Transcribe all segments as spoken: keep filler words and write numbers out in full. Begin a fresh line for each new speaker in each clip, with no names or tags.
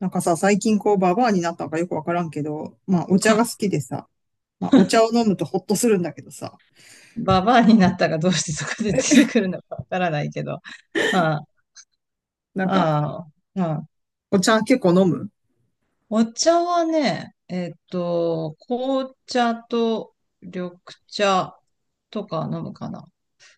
なんかさ、最近こうババアになったのかよくわからんけど、まあお
う
茶
ん
が好きでさ、まあお茶を飲むとホッとするんだけどさ、
ババアになったがどうしてそこで出てくるのかわからないけど。ああ、
なんか
まあまあ、うん。
お茶結構飲む？
お茶はね、えっと、紅茶と緑茶とか飲むかな。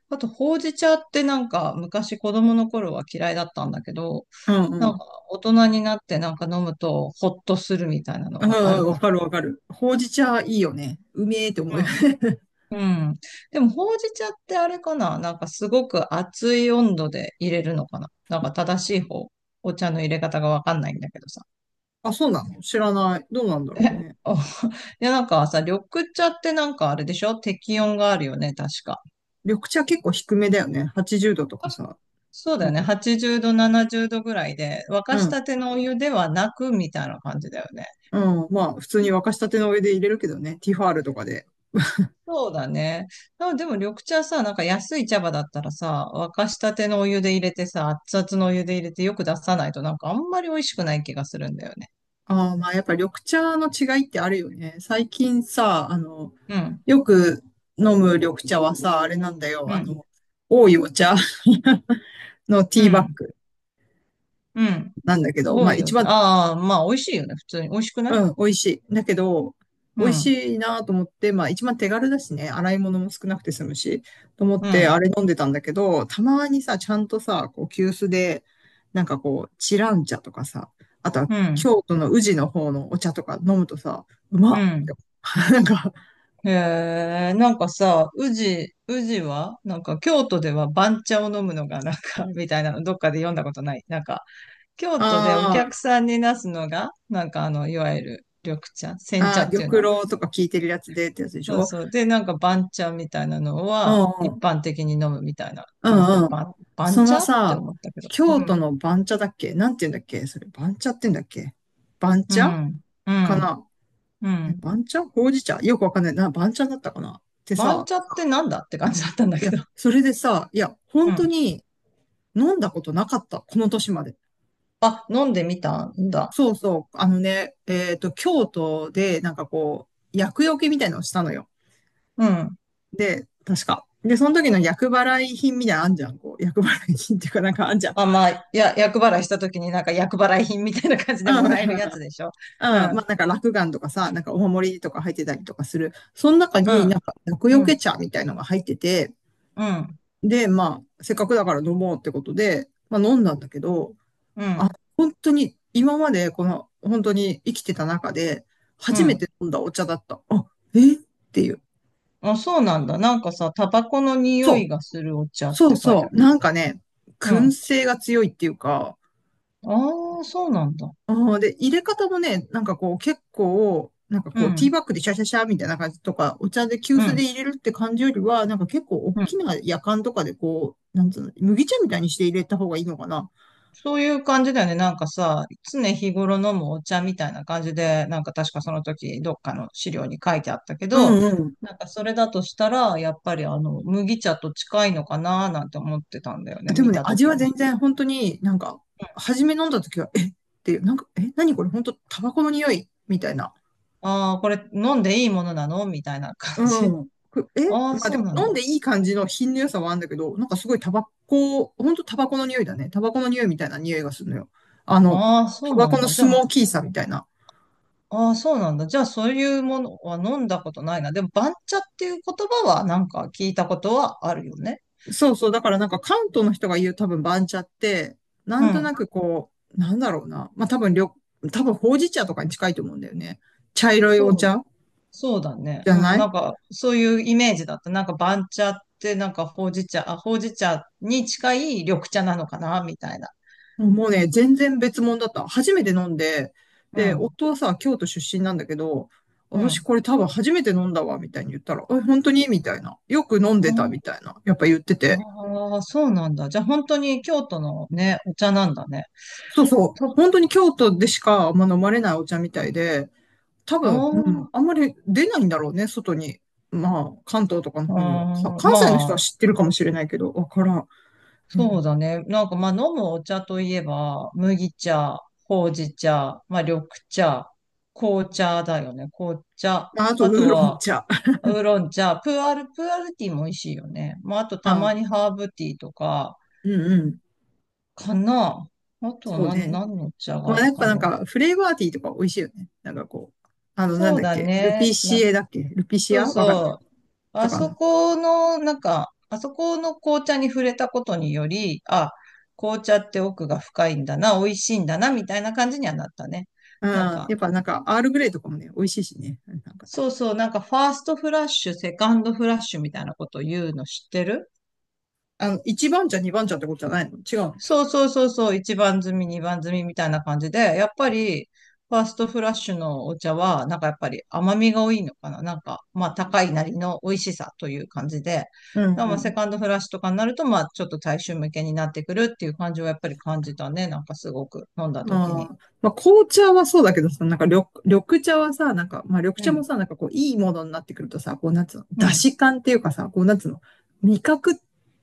あと、ほうじ茶ってなんか昔子供の頃は嫌いだったんだけど、
うん
な
う
ん
ん。
か大人になってなんか飲むとホッとするみたいなの
うん
があ
う
る
ん、
か
わ
な。
かるわかる。ほうじ茶いいよね。うめえって思う。
うん。でも、ほうじ茶ってあれかな、なんかすごく熱い温度で入れるのかな、なんか正しい方、お茶の入れ方がわかんないんだけどさ。
あ、そうなの？知らない。どうなんだ
え、
ろうね。
お いや、なんかさ、緑茶ってなんかあれでしょ、適温があるよね、確か。
緑茶結構低めだよね。はちじゅうどとか
確か
さ。
そうだ
な
よ
ん
ね。
か、
はちじゅうど、ななじゅうどぐらいで、沸
う
かした
ん、
てのお湯ではなく、みたいな感じだよね。
うん。まあ普通に沸かしたての上で入れるけどね。ティファールとかで。
そうだね。あ、でも緑茶さ、なんか安い茶葉だったらさ、沸かしたてのお湯で入れてさ、熱々のお湯で入れてよく出さないとなんかあんまり美味しくない気がするんだよね。
ああ、まあやっぱ緑茶の違いってあるよね。最近さ、あの、
うん、
よく飲む緑茶はさ、あれなんだよ。
う
あ
ん、
の、多いお茶 の
う
ティーバッ
ん、
グ
うん。
なんだけど、
多
まあ
いよ。
一番、
ああ、まあ美味しいよね。普通に。美味しくない。
うん、美味しい。だけど、
う
美味
ん、
しいなと思って、まあ一番手軽だしね、洗い物も少なくて済むし、と思っ
う
て
ん、
あれ飲んでたんだけど、たまにさ、ちゃんとさ、こう、急須で、なんかこう、チラン茶とかさ、あとは
うん、
京都の宇治の方のお茶とか飲むとさ、うま
う
っ
ん。
なんか、
へえ、なんかさ、宇治、宇治はなんか京都では番茶を飲むのがなんか、みたいなのどっかで読んだことない。なんか京
あ
都でお客
ー、
さんになすのが、なんかあの、いわゆる緑茶、煎茶
あー、
っていうの。
玉露とか聞いてるやつでってやつでし
そう
ょ？
そう。で、なんか番茶みたいなの
うん
は
う
一
ん。
般的に飲むみたいな
う
感じで、
んうん。
番、番
その
茶って
さ、
思ったけど。う
京都
ん。
の番茶だっけ？なんて言うんだっけ、それ、番茶って言うんだっけ？番
う
茶
ん。う
か
ん。
な？
う
え、
ん。
番茶、ほうじ茶よくわかんない。な、番茶だったかなって
番
さ、
茶ってなんだって感じだったんだ
い
け
や、
ど。
それでさ、いや、
う
本当
ん。
に飲んだことなかった。この年まで。
あ、飲んでみたんだ。
そうそう。あのね、えっと、京都で、なんかこう、厄除けみたいなのをしたのよ。
うん。
で、確か。で、その時の役払い品みたいなのあんじゃん。こう、役払い品っていうか、なんかあんじゃん。
あ、まあ、や、厄払いした時になんか厄払い品みたいな感じ
う
で
ん。
もらえるやつでしょ。う
うん。まあな
ん。
んか落雁とかさ、なんかお守りとか入ってたりとかする。その中
う
にな
ん。
んか厄
う
除け
ん。
茶みたいのが入ってて、
うん。
で、まあ、せっかくだから飲もうってことで、まあ飲んだんだけど、
うん。
本当に今までこの、本当に生きてた中で、
う
初めて
ん。
飲んだお茶だった。あ、えっていう。
あ、そうなんだ。なんかさ、タバコの匂
そ
い
う。
がするお茶っ
そう
て書いて
そ
あっ
う。
た
な
け
ん
ど。
かね、
う
燻
ん。
製が強いっていうか、
ああ、そうなんだ。
ああ、で、入れ方もね、なんかこう結構、なんか
う
こうティー
ん。
バッグでシャシャシャみたいな感じとか、お茶で急
う
須で
ん。
入れるって感じよりは、なんか結構大
う
き
ん。
なやかんとかでこう、なんつうの、麦茶みたいにして入れた方がいいのかな。
そういう感じだよね。なんかさ、常日頃飲むお茶みたいな感じで、なんか確かその時どっかの資料に書いてあったけ
う
ど、
んうん。
なんかそれだとしたら、やっぱりあの、麦茶と近いのかな、なんて思ってたんだよね。
で
見
もね、
た
味
時
は
に。
全然本当になんか、初め飲んだ時は、えっていう、なんか、え、何これ、本当タバコの匂いみたいな。
ああ、これ飲んでいいものなのみたいな感
う
じ。
ん。くえ、
ああ、
まあで
そう
も
なん
飲ん
だ。
でいい感じの品の良さはあるんだけど、なんかすごいタバコ、ほんとタバコの匂いだね。タバコの匂いみたいな匂いがするのよ。あの、
ああ、そ
タ
う
バ
なん
コの
だ。じ
ス
ゃ
モ
あ、
ーキーさみたいな。
ああ、そうなんだ。じゃあ、そういうものは飲んだことないな。でも、番茶っていう言葉はなんか聞いたことはあるよね。
そうそう。だからなんか関東の人が言う多分番茶って、な
う
んと
ん。
なくこう、なんだろうな。まあ多分りょ、多分ほうじ茶とかに近いと思うんだよね。茶色い
そ
お
う。
茶
そうだね。
じゃ
うん。
ない？
なんか、そういうイメージだった。なんか、番茶ってなんか、ほうじ茶、あ、ほうじ茶に近い緑茶なのかな、みたいな。
もうね、全然別物だった。初めて飲んで、
う
で、
ん。
夫はさ、京都出身なんだけど、
う
私
ん。
これ多分初めて飲んだわ、みたいに言ったら、え、本当に、みたいな。よく飲んでた、みたいな。やっぱ言って
あ
て。
あー、そうなんだ。じゃあ、本当に京都のね、お茶なんだね。
そうそう。
と、
本当に京都でしかあんま飲まれないお茶みたいで、多
あ
分、うん、
ー
あんまり出ないんだろうね、外に。まあ、関東とかの
あ
方には。か
ー、
関西の人は
ま、
知ってるかもしれないけど、わからん。う
そう
ん、
だね。なんかまあ飲むお茶といえば、麦茶、ほうじ茶、まあ緑茶、紅茶だよね。紅茶。
まあ、あと、ウ
あ
ー
と
ロン
は、
茶。
ウーロン茶、プーアール、プーアールティーも美味しいよね。まああと
ま
た
あ、
まにハーブティーとか、
うんうん。
かな。あとは
そう
何、
ね。
何の茶が
ま
あ
あ、
る
やっ
か
ぱなん
ね。
か、フレーバーティーとか美味しいよね。なんかこう、あの、な
そ
ん
う
だっ
だ
け、ル
ね。
ピシ
な、
エだっけ、ルピシ
そう
アわかん
そう。
と
あ
か
そ
な。
この、なんか、あそこの紅茶に触れたことにより、あ、紅茶って奥が深いんだな、美味しいんだな、みたいな感じにはなったね。
う
なん
ん。
か、
やっぱなんか、アールグレイとかもね、美味しいしね。なんかね、
そうそう、なんかファーストフラッシュ、セカンドフラッシュみたいなことを言うの知ってる？
あの、一番茶、二番茶ってことじゃないの？違うの？
そうそうそうそう、一番摘み、二番摘みみたいな感じで、やっぱり、ファーストフラッシュのお茶は、なんかやっぱり甘みが多いのかな。なんか、まあ高いなりの美味しさという感じで、だか
う
らまあセ
ん
カンドフラッシュとかになると、まあちょっと大衆向けになってくるっていう感じはやっぱり感じたね。なんかすごく飲んだ
うん。
時
あ
に。
あ。まあ、紅茶はそうだけどさ、なんか緑、緑茶はさ、なんか、まあ、緑
う
茶も
ん、
さ、なんかこう、いいものになってくるとさ、こう、なんつうの、
う
出
ん、
汁感っていうかさ、こう、なんつうの、味覚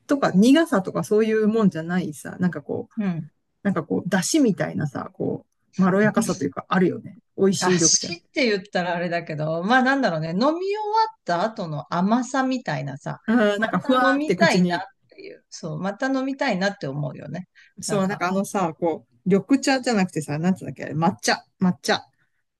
とか苦さとかそういうもんじゃないさ、なんかこう、
うん。
なんかこう、出汁みたいなさ、こう、まろやかさというか、あるよね。美味しい緑茶。
足って言ったらあれだけど、まあなんだろうね、飲み終わった後の甘さみたいなさ、
あー
ま
なんかふ
た
わ
飲
ーっ
み
て
た
口
いなっ
に。
ていう、そう、また飲みたいなって思うよね。な
そ
ん
う、なん
か、
かあのさ、こう、緑茶じゃなくてさ、なんつうんだっけ、あれ抹茶、抹茶。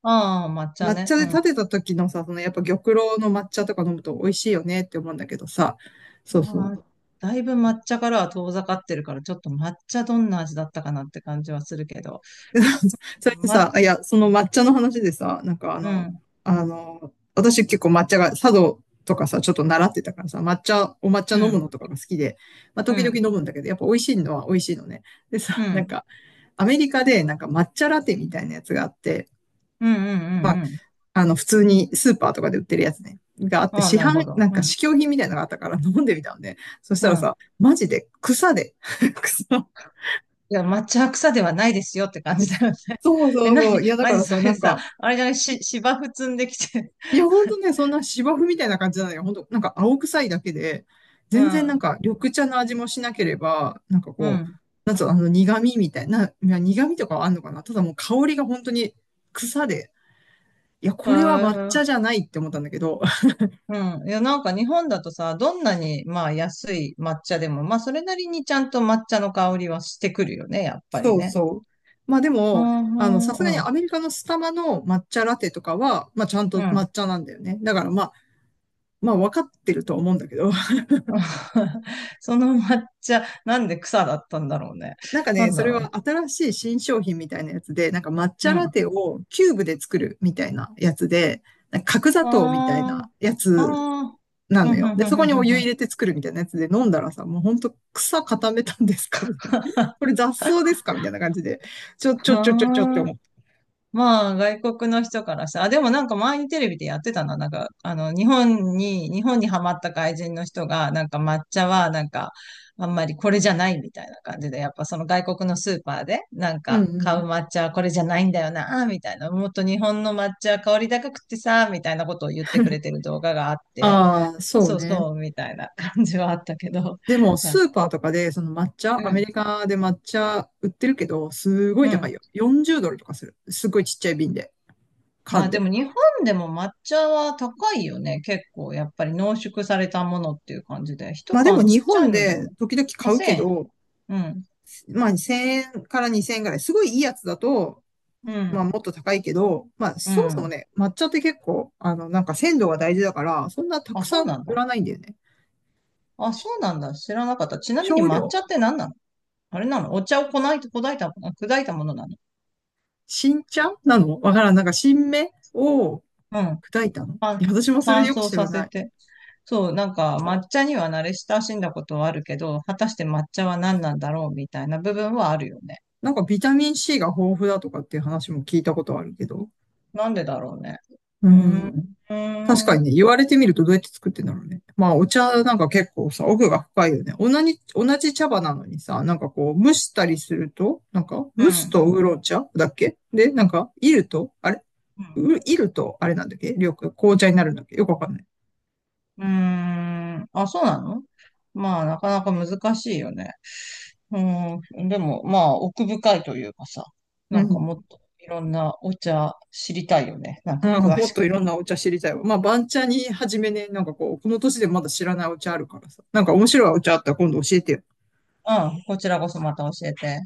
ああ、抹茶
抹
ね、
茶
う
で立
ん。
てた時のさ、そのやっぱ玉露の抹茶とか飲むと美味しいよねって思うんだけどさ、そうそう。
あー、だいぶ抹茶からは遠ざかってるから、ちょっと抹茶どんな味だったかなって感じはするけど、
それで
ま、
さ、あいや、その抹茶の話でさ、なんかあ
う
の、
ん、
あの、私結構抹茶が、茶道とかさ、ちょっと習ってたからさ、抹茶、お抹茶
う
飲むの
ん、
とかが好きで、まあ、
う
時々
ん、
飲むんだけど、やっぱ美味しいのは美味しいのね。で
うん、
さ、
う
なん
ん、
か、アメリカでなんか抹茶ラテみたいなやつがあって、
うん、うん、うん。
あの、普通にスーパーとかで売ってるやつね、があって、
ああ、
市
なるほ
販、
ど。
なん
う
か
ん、
試供品みたいなのがあったから飲んでみたんで、そした
う
ら
ん。
さ、マジで草で、草。
いや、抹茶は草ではないですよって感じだよね。
そう
え、
そう
なに、
そう。いや、だ
マ
か
ジ
ら
そ
さ、な
れ
ん
さ、
か、
あれじゃない、し、芝生積んできて。
いや、ほんとね、そんな芝生みたいな感じじゃないよ。ほんと、なんか青臭いだけで、
う
全然なん
ん、
か緑茶の味もしなければ、なんか
う
こう、
ん。
なんつうの、あの苦味みたいな、いや苦味とかはあんのかな、ただもう香りが本当に草で、いや、
あ
これは抹茶
ー、
じゃないって思ったんだけど、
うん。いや、なんか日本だとさ、どんなに、まあ、安い抹茶でも、まあ、それなりにちゃんと抹茶の香りはしてくるよね、やっぱり
そう
ね。
そう。まあで
う
も、あの、
ん、
さ
う
すが
ん、
に
うん。
アメリカのスタバの抹茶ラテとかは、まあちゃんと
う
抹
ん。
茶なんだよね。だからまあ、まあ分かってるとは思うんだけど。
その抹茶、なんで草だったんだろうね。
なんか
な
ね、
ん
そ
だ
れ
ろうね。
は新しい新商品みたいなやつで、なんか抹
う
茶ラ
ん。
テをキューブで作るみたいなやつで、なんか角砂糖みたい
ああ、
なや
あ
つ
あ、
な
ふ
の
んふ
よ。
ん
で、
ふん
そ
ふ
こ
ん
に
ふ
お
んふん。
湯
あ
入れて作るみたいなやつで飲んだらさ、もうほんと草固めたんですか、みたいな。これ雑草ですか、みたいな感じで。ちょ、ちょ、ちょ、ちょ、ちょって
あ。
思った。
まあ、外国の人からさ、あ、でもなんか前にテレビでやってたな。なんか、あの、日本に、日本にハマった外人の人が、なんか抹茶は、なんか、あんまりこれじゃないみたいな感じで、やっぱその外国のスーパーで、なん
うん
か、
う
買
ん。
う抹茶はこれじゃないんだよな、みたいな。もっと日本の抹茶は香り高くってさ、みたいなことを言ってくれてる動画があって、
ああ、そう
そう
ね。
そう、みたいな感じはあったけど。
でも、スー パーとかで、その抹
う
茶、
ん、う
アメ
ん。
リカで抹茶売ってるけど、すごい
う
高い
ん。
よ。よんじゅうドルとかする。すごいちっちゃい瓶で、
まあ
缶
で
で。
も日本でも抹茶は高いよね。結構やっぱり濃縮されたものっていう感じで。一
まあでも
缶
日
ちっちゃい
本
ので
で
も。
時々
まあ
買うけ
1000
ど、
円。うん。
まあせんえんからにせんえんぐらい、すごいいいやつだと、
う
まあ
ん。
もっと高いけど、まあ
う
そもそも
ん。
ね、抹茶って結構、あのなんか鮮度が大事だから、そんなた
あ、
く
そ
さ
う
ん
なん
売
だ。
らないんだよね。
あ、そ
し
うなんだ。知らなかった。ちなみに
少
抹
量、
茶って何なの？あれなの？お茶をこない、砕いた、砕いたものなの？
新茶なのわからん。なんか新芽を
うん。
砕いたの。い
あ、
や私もそれ
乾
よく
燥
知ら
させ
ない。
て。そう、なんか抹茶には慣れ親しんだことはあるけど、果たして抹茶は何なんだろうみたいな部分はあるよね。
なんかビタミン C が豊富だとかっていう話も聞いたことあるけど。
なんでだろうね。
う
うーん。う
ん。確
ー
か
ん。
にね、言われてみるとどうやって作ってんだろうね。まあ、お茶なんか結構さ、奥が深いよね。同じ、同じ茶葉なのにさ、なんかこう、蒸したりすると、なんか、
う
蒸す
ん
とウーロン茶だっけ、で、なんか、いると、あれ
うん。
ういると、あれなんだっけ、緑、紅茶になるんだっけ、よくわかんない。
うーん。あ、そうなの？まあ、なかなか難しいよね。うん。でも、まあ、奥深いというかさ、
う
なんか
ん。
もっといろんなお茶知りたいよね。なん
う
か
ん、
詳
もっ
し
と
く。
いろんなお茶知りたいわ。まあ、番茶に始めね、なんかこう、この年でまだ知らないお茶あるからさ。なんか面白いお茶あったら今度教えてよ。
うん。こちらこそまた教えて。